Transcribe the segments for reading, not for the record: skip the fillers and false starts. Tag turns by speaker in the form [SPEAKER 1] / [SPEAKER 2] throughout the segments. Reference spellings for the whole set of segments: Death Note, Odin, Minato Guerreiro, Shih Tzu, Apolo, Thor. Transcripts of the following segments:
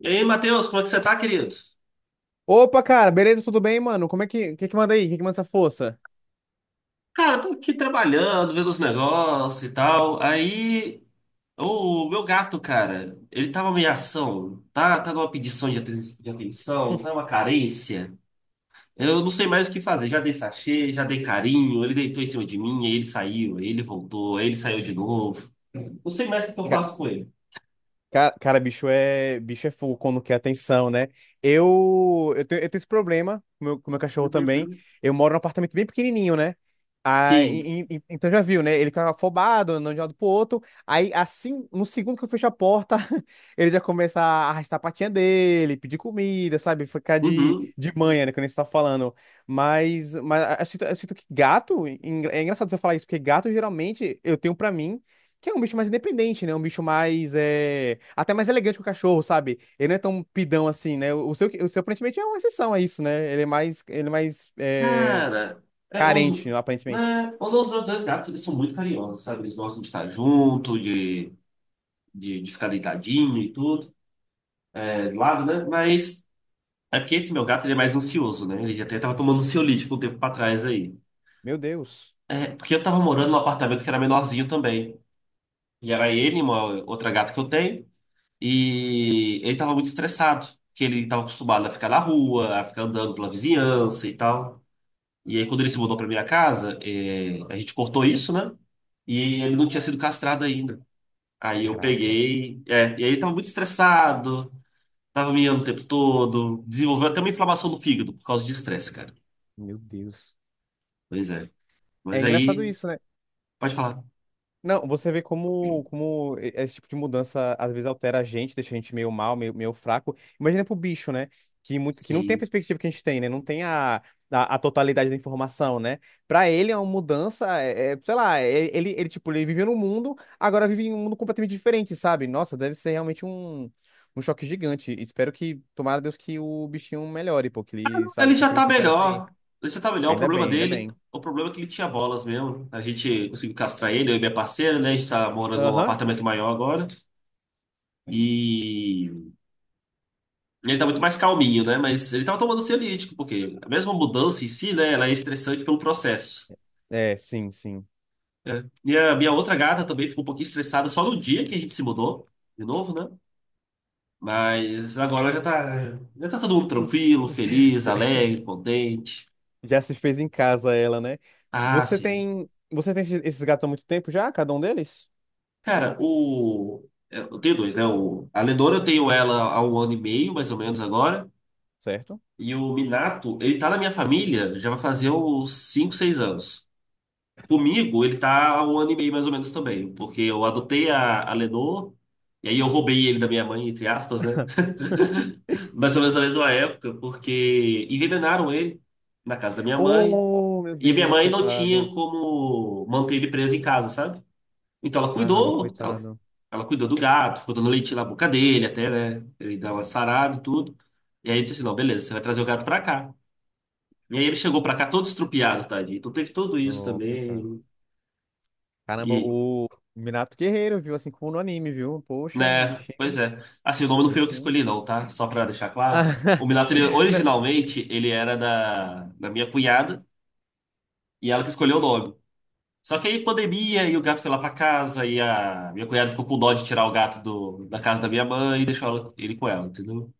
[SPEAKER 1] E aí, Matheus, como é que você tá, querido?
[SPEAKER 2] Opa, cara, beleza? Tudo bem, mano? Como é que, que manda aí? Que manda essa força?
[SPEAKER 1] Cara, eu tô aqui trabalhando, vendo os negócios e tal. Aí, o meu gato, cara, ele tá uma ameação, tá? Tá numa pedição de atenção, tá uma carência. Eu não sei mais o que fazer. Já dei sachê, já dei carinho, ele deitou em cima de mim, aí ele saiu, aí ele voltou, aí ele saiu de novo. Não sei mais o que eu faço com ele.
[SPEAKER 2] Cara, bicho é fogo quando quer atenção, né? Eu tenho esse problema com o meu cachorro
[SPEAKER 1] Uhum,
[SPEAKER 2] também.
[SPEAKER 1] uhum.
[SPEAKER 2] Eu moro num apartamento bem pequenininho, né? Ah,
[SPEAKER 1] Sim.
[SPEAKER 2] então já viu, né? Ele fica afobado, andando de um lado pro outro. Aí, assim, no segundo que eu fecho a porta, ele já começa a arrastar a patinha dele, pedir comida, sabe? Ficar de,
[SPEAKER 1] Uhum.
[SPEAKER 2] de manha, né? Quando a gente tá falando. Mas, eu sinto que gato, é engraçado você falar isso, porque gato geralmente eu tenho pra mim. Que é um bicho mais independente, né? Um bicho mais. É... até mais elegante que o cachorro, sabe? Ele não é tão pidão assim, né? O seu aparentemente é uma exceção a isso, né? Ele é mais é...
[SPEAKER 1] Cara, é, os,
[SPEAKER 2] carente, aparentemente.
[SPEAKER 1] né, os meus dois gatos, eles são muito carinhosos, sabe? Eles gostam de estar junto, de ficar deitadinho e tudo, do lado, né? Mas é porque esse meu gato ele é mais ansioso, né? Ele até tava tomando ansiolítico um tempo pra trás aí.
[SPEAKER 2] Meu Deus.
[SPEAKER 1] É, porque eu tava morando num apartamento que era menorzinho também. E era ele, e uma outra gata que eu tenho, e ele tava muito estressado, porque ele tava acostumado a ficar na rua, a ficar andando pela vizinhança e tal. E aí, quando ele se mudou pra minha casa, a gente cortou isso, né? E ele não tinha sido castrado ainda. Aí eu
[SPEAKER 2] Caraca.
[SPEAKER 1] peguei. E aí ele tava muito estressado, tava miando o tempo todo, desenvolveu até uma inflamação no fígado por causa de estresse, cara.
[SPEAKER 2] Meu Deus.
[SPEAKER 1] Pois é.
[SPEAKER 2] É
[SPEAKER 1] Mas
[SPEAKER 2] engraçado
[SPEAKER 1] aí,
[SPEAKER 2] isso, né?
[SPEAKER 1] pode falar.
[SPEAKER 2] Não, você vê como esse tipo de mudança às vezes altera a gente, deixa a gente meio mal, meio fraco. Imagina pro bicho, né? Que, muito, que não tem a
[SPEAKER 1] Sim.
[SPEAKER 2] perspectiva que a gente tem, né? Não tem a totalidade da informação, né? Pra ele, é uma mudança, sei lá, ele, tipo, ele vivia num mundo, agora vive em um mundo completamente diferente, sabe? Nossa, deve ser realmente um choque gigante. Espero que, tomara Deus, que o bichinho melhore, pô, que ele,
[SPEAKER 1] Ele
[SPEAKER 2] sabe,
[SPEAKER 1] já
[SPEAKER 2] consiga
[SPEAKER 1] tá
[SPEAKER 2] superar isso aí.
[SPEAKER 1] melhor. Ele já tá melhor. O
[SPEAKER 2] Ainda
[SPEAKER 1] problema
[SPEAKER 2] bem, ainda
[SPEAKER 1] dele,
[SPEAKER 2] bem.
[SPEAKER 1] o problema é que ele tinha bolas mesmo. A gente conseguiu castrar ele, eu e minha parceira, né? A gente tá morando num
[SPEAKER 2] Aham.
[SPEAKER 1] apartamento maior agora. E ele tá muito mais calminho, né? Mas ele tava tomando ansiolítico, porque a mesma mudança em si, né? Ela é estressante pelo processo.
[SPEAKER 2] É, sim, sim.
[SPEAKER 1] Né? E a minha outra gata também ficou um pouquinho estressada só no dia que a gente se mudou, de novo, né? Mas agora já tá todo mundo tranquilo, feliz, alegre, contente.
[SPEAKER 2] Já se fez em casa ela, né?
[SPEAKER 1] Ah,
[SPEAKER 2] Você
[SPEAKER 1] sim.
[SPEAKER 2] tem, você tem esses gatos há muito tempo já, cada um deles?
[SPEAKER 1] Cara, o. Eu tenho dois, né? A Lenora eu tenho ela há um ano e meio, mais ou menos agora.
[SPEAKER 2] Certo?
[SPEAKER 1] E o Minato, ele tá na minha família, já vai fazer uns 5 6 anos. Comigo, ele tá há um ano e meio, mais ou menos também. Porque eu adotei a Lenor, e aí eu roubei ele da minha mãe, entre aspas, né? Mais ou menos na mesma época, porque envenenaram ele na casa da minha mãe.
[SPEAKER 2] Oh, meu
[SPEAKER 1] E a minha
[SPEAKER 2] Deus,
[SPEAKER 1] mãe não tinha
[SPEAKER 2] coitado.
[SPEAKER 1] como manter ele preso em casa, sabe? Então ela
[SPEAKER 2] Caramba,
[SPEAKER 1] cuidou, ela,
[SPEAKER 2] coitado.
[SPEAKER 1] ela cuidou do gato, ficou dando leite na boca dele até, né? Ele dava uma sarada e tudo. E aí eu disse assim, não, beleza, você vai trazer o gato pra cá. E aí ele chegou pra cá todo estrupiado, tadinho. Então teve tudo isso
[SPEAKER 2] Oh, coitado.
[SPEAKER 1] também.
[SPEAKER 2] Caramba,
[SPEAKER 1] E,
[SPEAKER 2] o Minato Guerreiro, viu? Assim como no anime, viu? Poxa,
[SPEAKER 1] né, pois
[SPEAKER 2] bichinho,
[SPEAKER 1] é. Assim, o nome não foi eu que
[SPEAKER 2] bichinho.
[SPEAKER 1] escolhi não, tá? Só pra deixar claro. O
[SPEAKER 2] Ah,
[SPEAKER 1] Minato, ele,
[SPEAKER 2] não.
[SPEAKER 1] originalmente, ele era da minha cunhada e ela que escolheu o nome. Só que aí pandemia e o gato foi lá pra casa e a minha cunhada ficou com dó de tirar o gato do, da casa da minha mãe e deixou ele com ela, entendeu?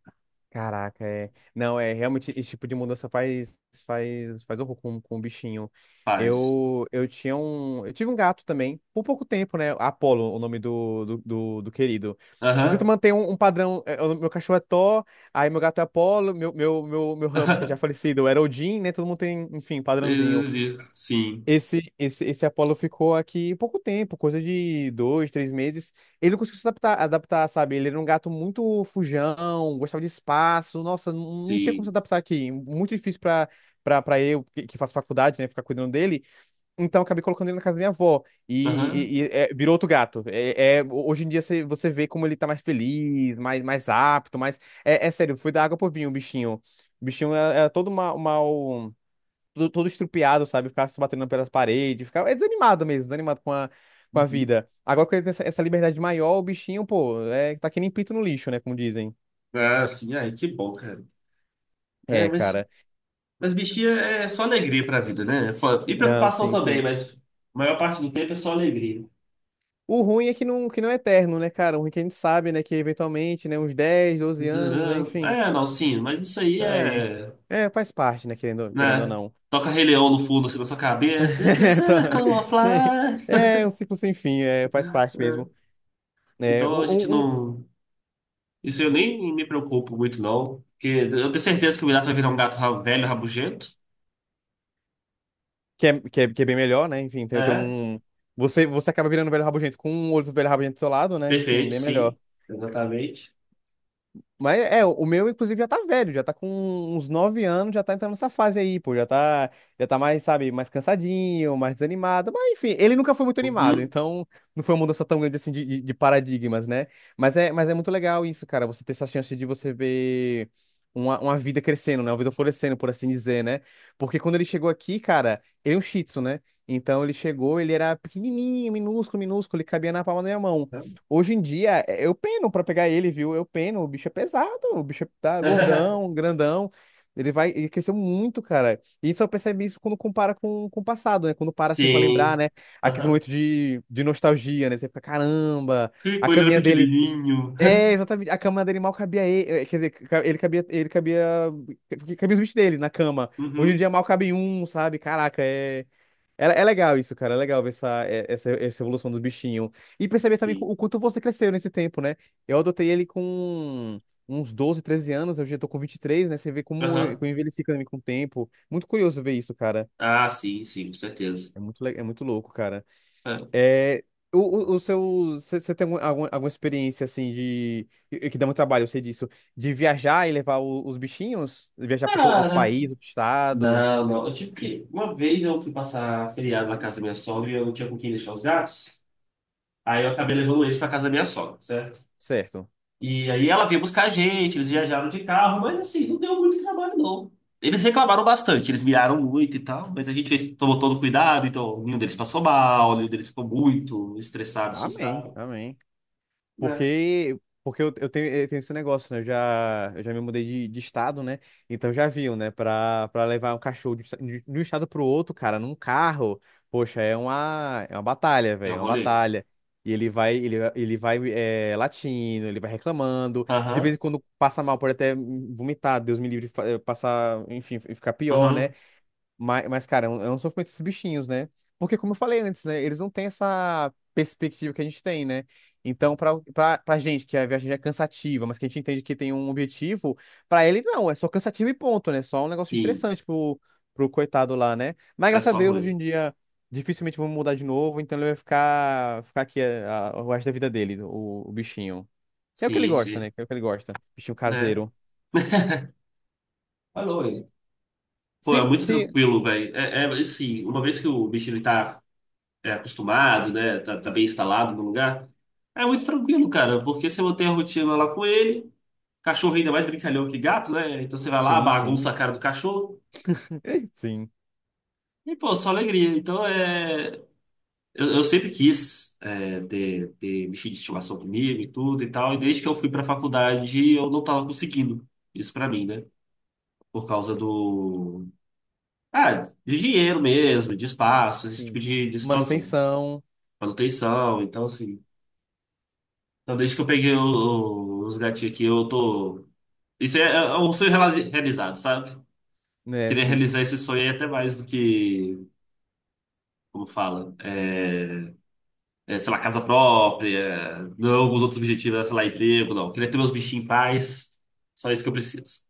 [SPEAKER 2] Caraca, é. Não, é realmente esse tipo de mudança faz horror com o bichinho.
[SPEAKER 1] Paz.
[SPEAKER 2] Eu tive um gato também, por pouco tempo, né? Apolo, o nome do querido. Eu tento
[SPEAKER 1] Aham.
[SPEAKER 2] manter um padrão. É, o meu cachorro é Thor, aí meu gato é Apolo, meu hamster já falecido era Odin, né? Todo mundo tem, enfim, padrãozinho.
[SPEAKER 1] Sim,
[SPEAKER 2] Esse Apollo ficou aqui pouco tempo, coisa de dois, três meses. Ele não conseguiu se adaptar, sabe? Ele era um gato muito fujão, gostava de espaço. Nossa, não, não tinha como se
[SPEAKER 1] sim.
[SPEAKER 2] adaptar aqui. Muito difícil pra eu, que faço faculdade, né? Ficar cuidando dele. Então, acabei colocando ele na casa da minha avó. E,
[SPEAKER 1] Aham.
[SPEAKER 2] e- e, e, é, virou outro gato. Hoje em dia você vê como ele tá mais feliz, mais, mais apto, mais. É, é sério, foi da água pro vinho o bichinho. O bichinho era todo mal. Todo estrupiado, sabe? Ficava se batendo pelas paredes, ficava é desanimado mesmo, desanimado com a
[SPEAKER 1] Uhum.
[SPEAKER 2] vida. Agora que ele tem essa liberdade maior, o bichinho, pô, é, tá que nem pito no lixo, né? Como dizem.
[SPEAKER 1] Ah, sim. Ai, que bom, cara. É,
[SPEAKER 2] É,
[SPEAKER 1] mas,
[SPEAKER 2] cara.
[SPEAKER 1] mas bichinha é só alegria pra vida, né? É foda. E
[SPEAKER 2] Não,
[SPEAKER 1] preocupação
[SPEAKER 2] sim,
[SPEAKER 1] também,
[SPEAKER 2] sim.
[SPEAKER 1] mas a maior parte do tempo é só alegria.
[SPEAKER 2] O ruim é que não, é eterno, né, cara? O ruim é que a gente sabe, né, que eventualmente, né, uns 10, 12 anos, né, enfim,
[SPEAKER 1] É, não, sim, mas isso aí
[SPEAKER 2] tá aí.
[SPEAKER 1] é,
[SPEAKER 2] É, faz parte, né, querendo ou
[SPEAKER 1] né?
[SPEAKER 2] não.
[SPEAKER 1] Toca Rei Leão no fundo, assim, na sua cabeça. It's the
[SPEAKER 2] Tá.
[SPEAKER 1] circle of
[SPEAKER 2] Sim.
[SPEAKER 1] life.
[SPEAKER 2] É um ciclo sem fim, é, faz parte mesmo. É,
[SPEAKER 1] Então a gente
[SPEAKER 2] um, um-
[SPEAKER 1] não. Isso eu nem me preocupo muito, não. Porque eu tenho certeza que o gato vai virar um gato velho, rabugento.
[SPEAKER 2] que é bem melhor, né? Enfim, tem
[SPEAKER 1] É,
[SPEAKER 2] um. Você acaba virando um velho rabugento com um outro velho rabugento do seu lado, né? Enfim,
[SPEAKER 1] perfeito,
[SPEAKER 2] bem
[SPEAKER 1] sim.
[SPEAKER 2] melhor.
[SPEAKER 1] Exatamente.
[SPEAKER 2] Mas é, o meu, inclusive, já tá velho, já tá com uns 9 anos, já tá entrando nessa fase aí, pô. Já tá mais, sabe, mais cansadinho, mais desanimado. Mas enfim, ele nunca foi muito animado,
[SPEAKER 1] Uhum.
[SPEAKER 2] então não foi uma mudança tão grande assim de, de paradigmas, né? Mas é muito legal isso, cara. Você ter essa chance de você ver uma vida crescendo, né? Uma vida florescendo, por assim dizer, né? Porque quando ele chegou aqui, cara, ele é um Shih Tzu, né? Então ele chegou, ele era pequenininho, minúsculo, minúsculo, ele cabia na palma da minha mão. Hoje em dia, eu peno pra pegar ele, viu? Eu peno, o bicho é pesado, o bicho tá gordão, grandão. Ele cresceu muito, cara. E só percebe isso quando compara com o passado, né? Quando para assim pra lembrar,
[SPEAKER 1] Sim.
[SPEAKER 2] né? Aqueles
[SPEAKER 1] Aham.
[SPEAKER 2] momentos de nostalgia, né? Você fica, caramba, a
[SPEAKER 1] Quando ele era
[SPEAKER 2] caminha dele.
[SPEAKER 1] pequenininho.
[SPEAKER 2] É, exatamente, a cama dele mal cabia ele. Quer dizer, ele cabia, ele cabia. Cabia os bichos dele na cama. Hoje em
[SPEAKER 1] Uhum.
[SPEAKER 2] dia mal cabe um, sabe? Caraca, é. É, é legal isso, cara. É legal ver essa, essa evolução do bichinho. E perceber também
[SPEAKER 1] Sim.
[SPEAKER 2] o quanto você cresceu nesse tempo, né? Eu adotei ele com uns 12, 13 anos. Eu já tô com 23, né? Você vê como eu,
[SPEAKER 1] Aham.
[SPEAKER 2] como eu envelheci também com o tempo. Muito curioso ver isso, cara.
[SPEAKER 1] Ah, sim, sim, com certeza.
[SPEAKER 2] É muito, é muito louco, cara.
[SPEAKER 1] É.
[SPEAKER 2] É, o, o seu, você tem alguma experiência, assim, que dá muito trabalho, eu sei disso. De viajar e levar os bichinhos? Viajar para outro
[SPEAKER 1] Cara,
[SPEAKER 2] país, outro estado?
[SPEAKER 1] não, não. Eu tive que. Uma vez eu fui passar feriado na casa da minha sogra e eu não tinha com quem deixar os gatos. Aí eu acabei levando eles pra casa da minha sogra, certo?
[SPEAKER 2] Certo.
[SPEAKER 1] E aí ela veio buscar a gente, eles viajaram de carro, mas assim, não deu muito trabalho, não. Eles reclamaram bastante, eles miraram muito e tal, mas a gente fez, tomou todo cuidado, então nenhum deles passou mal, nenhum deles ficou muito estressado,
[SPEAKER 2] Amém,
[SPEAKER 1] assustado,
[SPEAKER 2] amém.
[SPEAKER 1] né?
[SPEAKER 2] Porque, porque eu tenho esse negócio, né? Eu já me mudei de estado, né? Então já viu, né? Pra levar um cachorro de um estado pro outro, cara, num carro, poxa, é uma batalha,
[SPEAKER 1] É
[SPEAKER 2] velho,
[SPEAKER 1] o
[SPEAKER 2] é uma
[SPEAKER 1] rolê.
[SPEAKER 2] batalha. E ele vai latindo, ele vai reclamando. De vez
[SPEAKER 1] Aham,
[SPEAKER 2] em quando passa mal, pode até vomitar, Deus me livre, passar, enfim, ficar pior, né?
[SPEAKER 1] aham,
[SPEAKER 2] Mas, cara, é um sofrimento dos bichinhos, né? Porque, como eu falei antes, né? Eles não têm essa perspectiva que a gente tem, né? Então, pra gente, que a viagem já é cansativa, mas que a gente entende que tem um objetivo, pra ele não, é só cansativo e ponto, né? Só um negócio
[SPEAKER 1] sim,
[SPEAKER 2] estressante pro coitado lá, né? Mas,
[SPEAKER 1] é
[SPEAKER 2] graças a
[SPEAKER 1] só
[SPEAKER 2] Deus, hoje
[SPEAKER 1] ruim.
[SPEAKER 2] em dia, dificilmente vão mudar de novo, então ele vai ficar aqui o resto da vida dele, o bichinho. Que é o que ele
[SPEAKER 1] Sim,
[SPEAKER 2] gosta,
[SPEAKER 1] sim,
[SPEAKER 2] né? Que é o que ele gosta. Bichinho
[SPEAKER 1] né?
[SPEAKER 2] caseiro.
[SPEAKER 1] Falou hein? Pô, é
[SPEAKER 2] Se,
[SPEAKER 1] muito
[SPEAKER 2] se...
[SPEAKER 1] tranquilo, velho. É assim, uma vez que o bichinho tá acostumado, né? Tá bem instalado no lugar, é muito tranquilo, cara, porque você mantém a rotina lá com ele. Cachorro ainda é mais brincalhão que gato, né? Então você vai lá,
[SPEAKER 2] Sim,
[SPEAKER 1] bagunça
[SPEAKER 2] sim.
[SPEAKER 1] a cara do cachorro.
[SPEAKER 2] Sim.
[SPEAKER 1] E, pô, só alegria. Então é. Eu sempre quis ter bichinho de estimação comigo e tudo e tal. E desde que eu fui pra faculdade, eu não tava conseguindo isso pra mim, né? Por causa do. Ah, de dinheiro mesmo, de espaço, esse tipo
[SPEAKER 2] Sim.
[SPEAKER 1] de situação.
[SPEAKER 2] Manutenção,
[SPEAKER 1] Manutenção, então assim. Então desde que eu peguei os gatinhos aqui, eu tô. Isso é um sonho realizado, sabe?
[SPEAKER 2] né?
[SPEAKER 1] Queria
[SPEAKER 2] Assim,
[SPEAKER 1] realizar esse sonho aí até mais do que. Como fala, sei lá, casa própria, não é alguns outros objetivos, sei lá, emprego, não. Eu queria ter meus bichinhos em paz, só isso que eu preciso.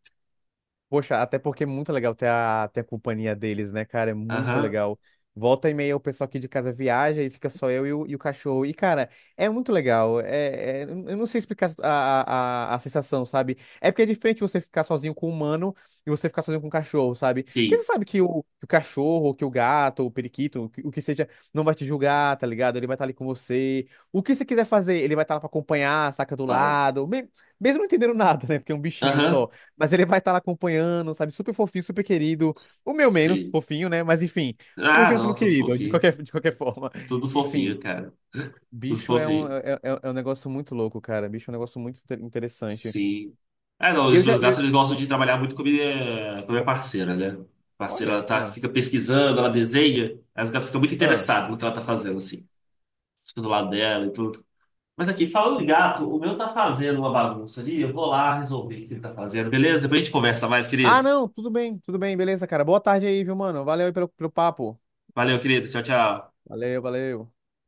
[SPEAKER 2] poxa, até porque é muito legal ter a, companhia deles, né, cara? É muito
[SPEAKER 1] Aham,
[SPEAKER 2] legal. Volta e meia o pessoal aqui de casa viaja e fica só eu e e o cachorro. E, cara, é muito legal. É, eu não sei explicar a sensação, sabe? É porque é diferente você ficar sozinho com o humano e você ficar sozinho com o cachorro, sabe? Porque
[SPEAKER 1] sim,
[SPEAKER 2] você sabe que que o cachorro, que o gato, o periquito, o que seja, não vai te julgar, tá ligado? Ele vai estar ali com você. O que você quiser fazer, ele vai estar lá pra acompanhar, saca do
[SPEAKER 1] vai.
[SPEAKER 2] lado. Mesmo não entendendo nada, né? Porque é um bichinho
[SPEAKER 1] Aham,
[SPEAKER 2] só. Mas ele vai estar lá acompanhando, sabe? Super fofinho, super querido. O meu menos
[SPEAKER 1] sim.
[SPEAKER 2] fofinho, né? Mas enfim,
[SPEAKER 1] Ah,
[SPEAKER 2] continua
[SPEAKER 1] não,
[SPEAKER 2] sendo
[SPEAKER 1] tudo
[SPEAKER 2] querido, de
[SPEAKER 1] fofinho.
[SPEAKER 2] qualquer, de qualquer forma.
[SPEAKER 1] Tudo
[SPEAKER 2] Enfim,
[SPEAKER 1] fofinho, cara. Tudo
[SPEAKER 2] bicho é um,
[SPEAKER 1] fofinho,
[SPEAKER 2] é, é- é um negócio muito louco, cara. Bicho é um negócio muito interessante.
[SPEAKER 1] sim. Ah, não,
[SPEAKER 2] E eu
[SPEAKER 1] os
[SPEAKER 2] já.
[SPEAKER 1] meus
[SPEAKER 2] eu-
[SPEAKER 1] gatos, eles gostam de trabalhar muito com a minha parceira, né? A parceira, ela
[SPEAKER 2] Olha.
[SPEAKER 1] tá,
[SPEAKER 2] Ah,
[SPEAKER 1] fica pesquisando, ela desenha, as gatas ficam muito
[SPEAKER 2] ah.
[SPEAKER 1] interessadas no que ela tá fazendo, assim. Fica do lado dela e tudo. Mas aqui, falando de gato, o meu tá fazendo uma bagunça ali. Eu vou lá resolver o que ele tá fazendo, beleza? Depois a gente conversa mais, querido.
[SPEAKER 2] Ah, não, tudo bem, beleza, cara. Boa tarde aí, viu, mano? Valeu aí pelo papo.
[SPEAKER 1] Valeu, querido. Tchau, tchau.
[SPEAKER 2] Valeu, valeu.